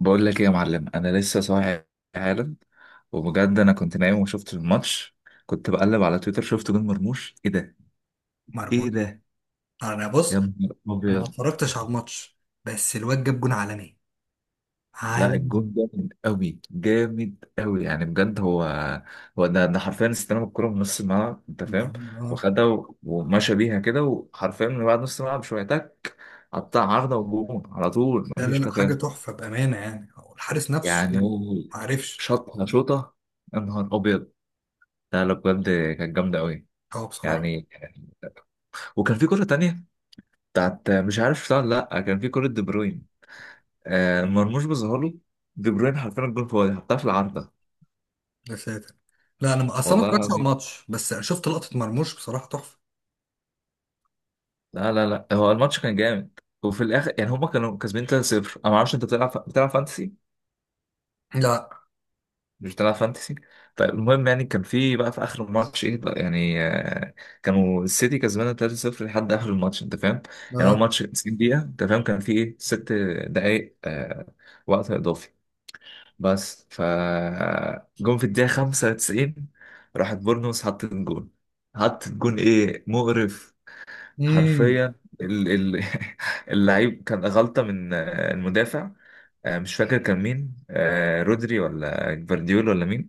بقول لك ايه يا معلم، انا لسه صاحي حالا. وبجد انا كنت نايم وشفت الماتش. كنت بقلب على تويتر شفت جون مرموش. ايه ده؟ مرموش. ايه ده؟ انا يا بص، نهار انا ما ابيض. اتفرجتش على الماتش بس الواد جاب جون عالمي، لا، عالمي. الجون جامد قوي جامد قوي، يعني بجد هو ده حرفيا استلم الكرة من نص الملعب، انت فاهم. آه. وخدها و- ومشى بيها كده، وحرفيا من بعد نص الملعب شويه تك، قطع عارضه وجون على طول، لا لا مفيش لا، حاجه تفاهم. تحفه بامانه، يعني هو الحارس نفسه يعني ما هو، عرفش. شاطها شوطه. يا نهار ابيض. لا لا، بجد كانت جامده قوي هو بصراحه، يعني. وكان في كرة تانية بتاعت، مش عارف شفتها ولا لا، كان في كرة دي بروين، آه مرموش بظهر له، دي بروين حرفيا الجول فاضي حطها في العارضة. يا ساتر. لا انا اصلا ما والله اتفرجتش على العظيم. الماتش بس شفت لقطه مرموش بصراحه تحفه. لا لا لا، هو الماتش كان جامد وفي الاخر يعني هما كانوا كسبانين 3-0. انا ما اعرفش، انت بتلعب فانتسي؟ لا مش بتلعب فانتسي؟ طيب المهم يعني كان في بقى في اخر الماتش ايه بقى يعني كانوا السيتي كسبانه 3-0 لحد اخر الماتش، انت فاهم. يعني هو لا. ماتش 90 دقيقة، انت فاهم؟ كان في ايه، ست دقايق وقت اضافي. بس جون في الدقيقة 95. راحت بورنموث حطت جون، حطت جون، ايه مقرف! امم. حرفيا ال- ال- اللعيب كان غلطة من المدافع. مش فاكر كان مين، رودري ولا جفارديول ولا مين.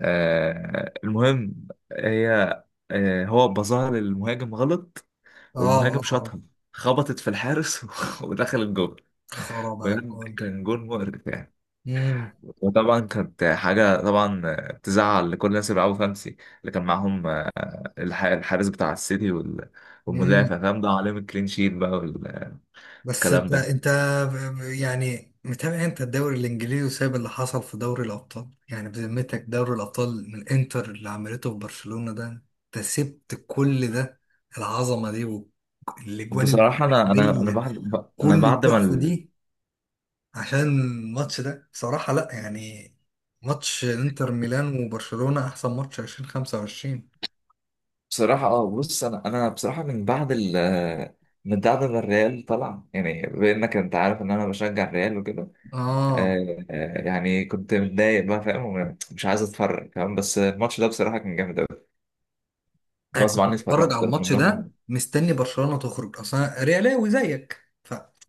المهم هي، هو بظهر للمهاجم غلط. اه اه والمهاجم اه. شاطها، خبطت في الحارس ودخل الجون. خراب على بجد الجون. كان جون مقرف يعني. وطبعا كانت حاجة طبعا تزعل لكل الناس اللي بيلعبوا خمسي اللي كان معاهم، الحارس بتاع السيتي امم. والمدافع، فاهم؟ ده عليهم الكلين شيت بقى بس والكلام انت ده. انت يعني متابع انت الدوري الانجليزي وسايب اللي حصل في دوري الابطال؟ يعني بذمتك، دوري الابطال، من انتر اللي عملته في برشلونة ده انت سبت كل ده؟ العظمة دي والاجوان، بصراحة أنا الملعبية، أنا كل بعد ما التحفة ال... دي، عشان الماتش ده؟ بصراحة لا. يعني ماتش انتر ميلان وبرشلونة احسن ماتش 2025. بصراحة بص، أنا بصراحة من بعد ما الريال طلع، يعني بإنك أنت عارف إن أنا بشجع الريال وكده. اه. يعني كنت متضايق بقى، فاهم، ومش عايز أتفرج، فاهم، بس الماتش ده بصراحة كان جامد أوي. انا غصب كنت عني بتفرج اتفرجت على رغم الماتش ده إنهم مستني برشلونة تخرج اصلا، ريالاوي زيك.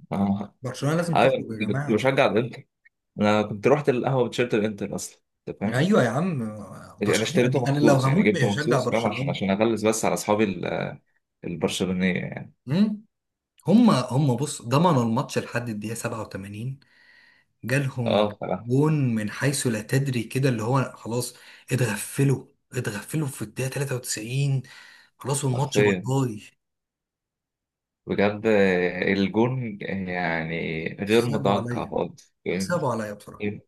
برشلونة لازم ايوه، تخرج يا كنت جماعة. بشجع الانتر. انا كنت رحت القهوه بتيشيرت الانتر اصلا، انت فاهم. ايوه يا عم. انا اشتريته برشلونة انا لو مخصوص يعني هموت مش جبته هشجع مخصوص، فاهم، عشان برشلونة. عشان اغلس بس على اصحابي البرشلونيه يعني. امم. هم بص، ضمنوا الماتش لحد الدقيقة 87، اه جالهم بصراحه. جون من حيث لا تدري كده، اللي هو خلاص اتغفلوا، اتغفلوا في الدقيقة 93، خلاص والماتش باي حرفيا. باي. بجد الجون يعني غير صعبوا متوقع عليا، خالص يعني. صعبوا عليا بصراحة. إيه،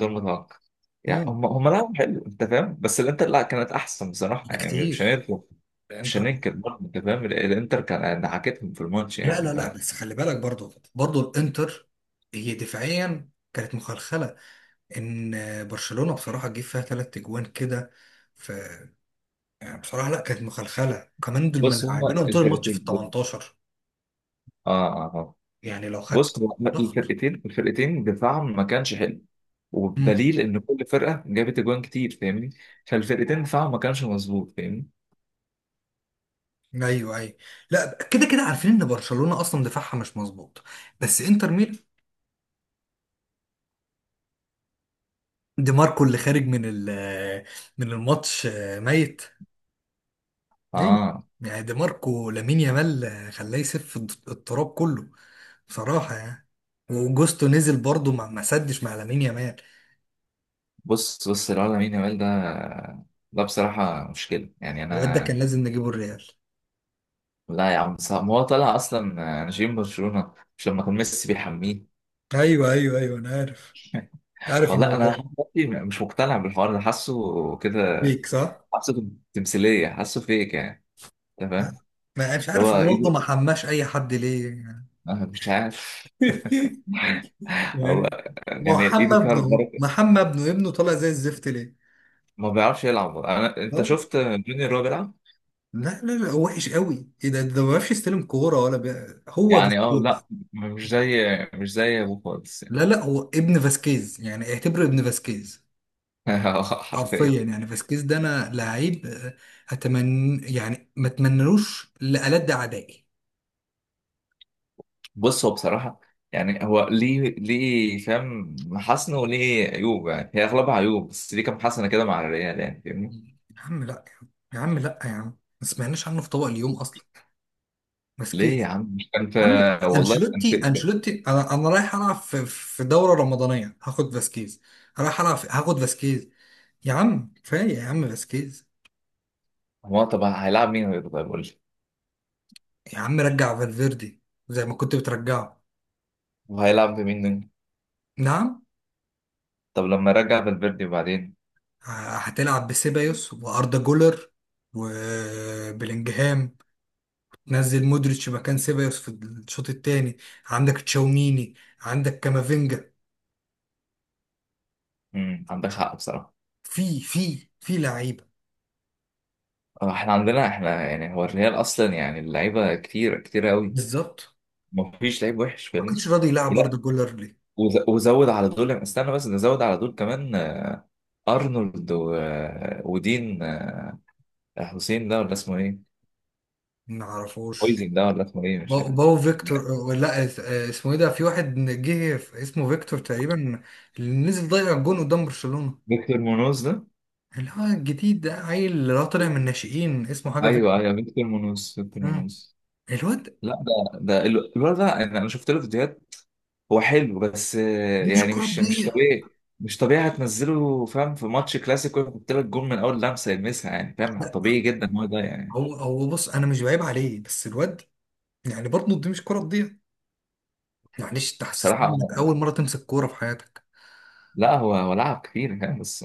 غير متوقع. يعني امم. هم لعبوا حلو، انت فاهم، بس الانتر لا، كانت احسن بصراحه ده يعني، كتير مش الانتر. هننكر برضه، انت فاهم. الانتر كان دعكتهم في الماتش لا يعني لا لا، ما. بس خلي بالك برضو الانتر هي دفاعيا كانت مخلخلة. ان برشلونة بصراحة جه فيها ثلاث اجوان كده، ف يعني بصراحة لا، كانت مخلخلة كمان دول، بص هم ملاعبينهم طول الماتش في ال الفرقتين، 18. اه اه آه. يعني لو خدت بص هو ضغط. الفرقتين دفاعهم ما كانش حلو. امم. وبدليل ان كل فرقه جابت اجوان كتير، فاهمني؟ فالفرقتين دفاعهم ما كانش مظبوط، فاهمين؟ ايوه ايوه. لا كده كده عارفين ان برشلونة اصلا دفاعها مش مظبوط، بس انتر ميلان، دي ماركو اللي خارج من ال من الماتش، ميت ليه؟ اه. يعني دي ماركو لامين يامال خلاه يسف التراب كله بصراحة يعني. وجوستو نزل برضه، ما سدش مع لامين يامال. بص الواد لامين يامال ده بصراحه مشكله يعني الواد ده انا. كان لازم نجيبه الريال. لا يا عم صعب، ما هو طلع اصلا نجيم برشلونه مش لما كان ميسي بيحميه. ايوه ايوه ايوه انا عارف، عارف والله الموضوع انا ده. لحد دلوقتي مش مقتنع بالحوار ده، حاسه كده، ليك صح؟ حاسه تمثيليه، حاسه فيك يعني، انت لا، فاهم. ما مش اللي عارف هو رونالدو ايده، ما حماش اي حد ليه يعني. أنا مش عارف. هو يعني يعني محمد ايده فيها ابنه أهو. البركه. محمد ابنه، ابنه طالع زي الزفت ليه؟ ما بيعرفش يلعب، انا انت اه. شفت جونيور وهو بيلعب لا لا لا، هو وحش قوي، ايه ده، ده ما بيعرفش يستلم كوره ولا هو يعني. اه فاسكيز. لا، مش زي مش زي ابوه خالص يعني. لا لا، هو ابن فاسكيز، يعني اعتبره ابن فاسكيز. حرفيا. حرفيا يعني. فاسكيز ده انا لعيب اتمنى يعني ما اتمنلوش لألد اعدائي. بص هو بصراحه، يعني هو ليه فاهم محاسنه وليه عيوب، يعني هي اغلبها عيوب بس ليه كام حسنه كده مع الريال يعني، فاهمني. يا عم لا، يا عم لا، يا عم ما سمعناش عنه في طبق اليوم اصلا، مسكين. يا ليه يا عم؟ مش كان في، عم والله كان انشيلوتي، في انشيلوتي، انا انا رايح العب في في دوره رمضانيه هاخد فاسكيز، رايح العب في هاخد فاسكيز. يا عم كفايه يا عم فاسكيز. هو طب هيلعب مين غيره؟ طيب قول لي، يا عم رجع فالفيردي زي ما كنت بترجعه. وهيلعب بمين تاني؟ نعم. طب لما رجع فالفيردي بعدين. هتلعب بسيبايوس واردا جولر وبلينجهام، نزل مودريتش مكان سيبايوس في الشوط الثاني، عندك تشاوميني، عندك كامافينجا، عندك حق بصراحه. في في في لعيبه. احنا عندنا، احنا يعني هو الريال اصلا يعني اللعيبه كتير كتير قوي. بالظبط. مفيش لعيب وحش، ما فاهمني. كانش راضي يلعب ارض لا، جولر ليه؟ وزود على دول، استنى بس نزود على دول كمان، ارنولد و... ودين، حسين ده ولا اسمه ايه؟ ما اعرفوش. هويزن ده ولا اسمه ايه؟ مش باو, يعني. باو فيكتور. لا اسمه ايه ده، في واحد جه اسمه فيكتور تقريبا، اللي نزل ضيع الجون قدام برشلونه، فيكتور مونوز ده؟ اللي هو الجديد ده، عيل اللي هو طالع من الناشئين، اسمه حاجه ايوه فيكتور. ايوه، فيكتور مونوز فيكتور مم. مونوز. الواد، لا ده، الولد ده، انا شفت له فيديوهات. هو حلو، بس دي مش يعني كره مش تضيع. طبيعي مش طبيعي، هتنزله فاهم في ماتش كلاسيكو يحط لك جول من اول لمسه يلمسها، يعني فاهم لا طبيعي جدا هو ده يعني. هو هو بص، انا مش بعيب عليه بس الواد، يعني برضه دي مش كره تضيع، معلش انت بصراحه حسستني انك اول مره تمسك كوره في حياتك لا، هو لعب كتير، فاهم، بس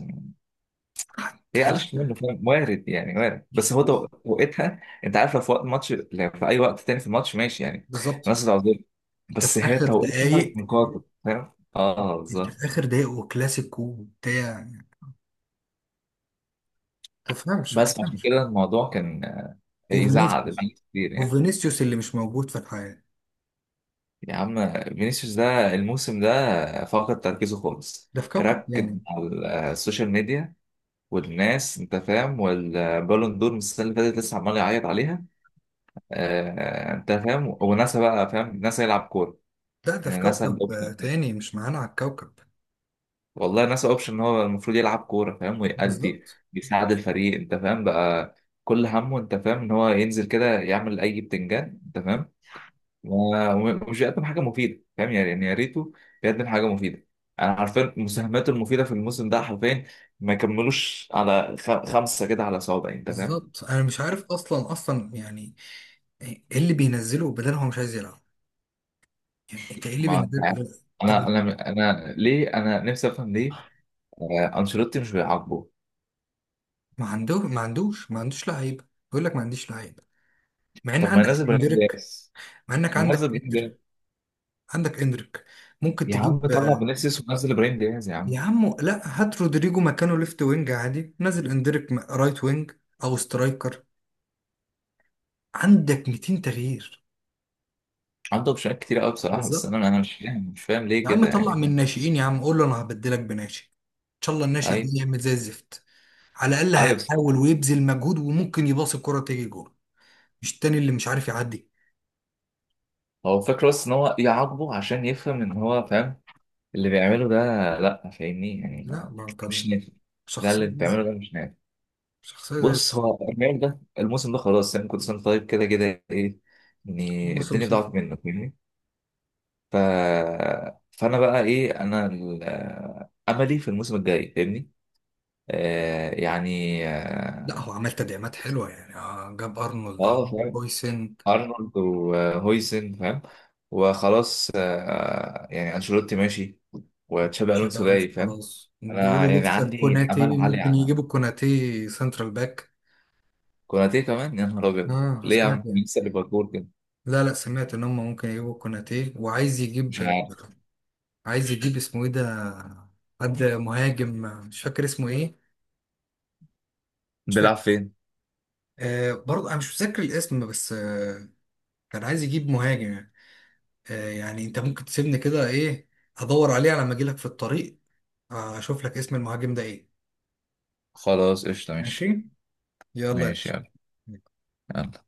هي حتى. قلشت منه، فاهم، وارد يعني وارد. بس هو وقتها انت عارف، لو في وقت ماتش لو في اي وقت تاني في الماتش ماشي يعني. بالظبط. الناس العظيم. انت بس في هي اخر توقيتها دقايق، مقاطع، فاهم، اه انت بالظبط. في اخر دقايق وكلاسيكو وبتاع، ما تفهمش ما بس عشان تفهمش كده الموضوع كان يزعل وفينيسيوس، كتير يعني. وفينيسيوس اللي مش موجود في الحياة، يا عم فينيسيوس ده الموسم ده فقد تركيزه خالص. ده في كوكب ركز تاني. على السوشيال ميديا والناس، انت فاهم، والبالون دور من السنه اللي فاتت لسه عمال يعيط عليها، انت فاهم. وناسا بقى فاهم، ناسا يلعب كوره. لا ده في يعني ناسا كوكب الاوبشن كده. تاني، مش معانا على الكوكب. والله ناسا اوبشن ان هو المفروض يلعب كوره، فاهم، ويأدي، بالظبط. بيساعد الفريق، انت فاهم بقى، كل همه انت فاهم ان هو ينزل كده يعمل اي بتنجان، انت فاهم، و- ومش بيقدم حاجه مفيده، فاهم يعني يا ريته بيقدم حاجه مفيده. انا عارفين مساهماته المفيده في الموسم ده، حرفيا ما كملوش على خمسه كده على صوابع، انت فاهم. بالظبط انا مش عارف، اصلا اصلا يعني، ايه اللي بينزله بدل؟ هو مش عايز يلعب. يعني انت ايه اللي ما انت بينزله عارف. بدل؟ طب. انا ليه، انا نفسي افهم ليه، انشيلوتي مش بيعاقبه. ما عنده، ما عندوش لعيبه، بيقول لك ما عنديش لعيبه مع ان طب ما عندك ينزل ابراهيم اندريك، دياز. مع انك نزل عندك ابراهيم اندريك، دياز عندك اندريك. ممكن يا عم، تجيب. طلع بنفسس ونزل ابراهيم دياز يا عم. يا عم لا، هات رودريجو مكانه ليفت وينج عادي، نزل اندريك رايت وينج او سترايكر. عندك 200 تغيير. عنده اوبشنات كتير قوي بصراحه، بس انا بالظبط. انا مش فاهم مش فاهم ليه يا عم كده طلع يعني، من فاهم. الناشئين، يا عم قول له انا هبدلك بناشئ، ان شاء الله الناشئ ده ايوه يعمل زي الزفت، على الاقل ايوه، بس هيحاول ويبذل مجهود وممكن يباص الكرة تيجي جول، مش التاني اللي مش عارف يعدي. هو فاكر بس ان هو يعاقبه عشان يفهم ان هو فاهم اللي بيعمله ده. لا فاهمني يعني، لا ما، ما مش كان نافع. لا شخصية زي اللي الزفت. بتعمله ده مش نافع. شخصية زي الزفت. بص هو الريال ده الموسم ده خلاص يعني، كنت سنة طيب كده كده ايه، يعني موسم الدنيا صفر. ضاعت منه فاهمني. ف... فانا بقى ايه، انا املي في الموسم الجاي، فاهمني، آه يعني لا اه. هو عمل تدعيمات حلوة، يعني جاب ارنولد، فاهم. هويسن. ارنولد وهويسن فاهم، وخلاص آه يعني، انشيلوتي ماشي، وتشابي تشابي الونسو الونسو جاي، فاهم. خلاص، انا بيقولوا يعني لسه عندي امل كوناتي عالي. ممكن يجيبوا كوناتي سنترال باك. كوناتي كمان يا نهار ابيض، اه ليه يا عم؟ سمعت مين يعني، لسه ليفربول كده. لا لا سمعت ان هم ممكن يجيبوا كوناتي، وعايز مش يجيب، عارف. عايز يجيب اسمه ايه ده، حد مهاجم، مش فاكر اسمه ايه، مش فاكر. بيلعب فين؟ آه برضه انا مش متذكر الاسم بس آه، كان عايز يجيب مهاجم يعني. آه يعني انت ممكن تسيبني كده ايه، ادور عليه على ما اجي لك في الطريق، آه، اشوف لك اسم المهاجم ده ايه. خلاص قشطة، ماشي. ماشي. يلا يا ماشي، باشا. يلا، يلا.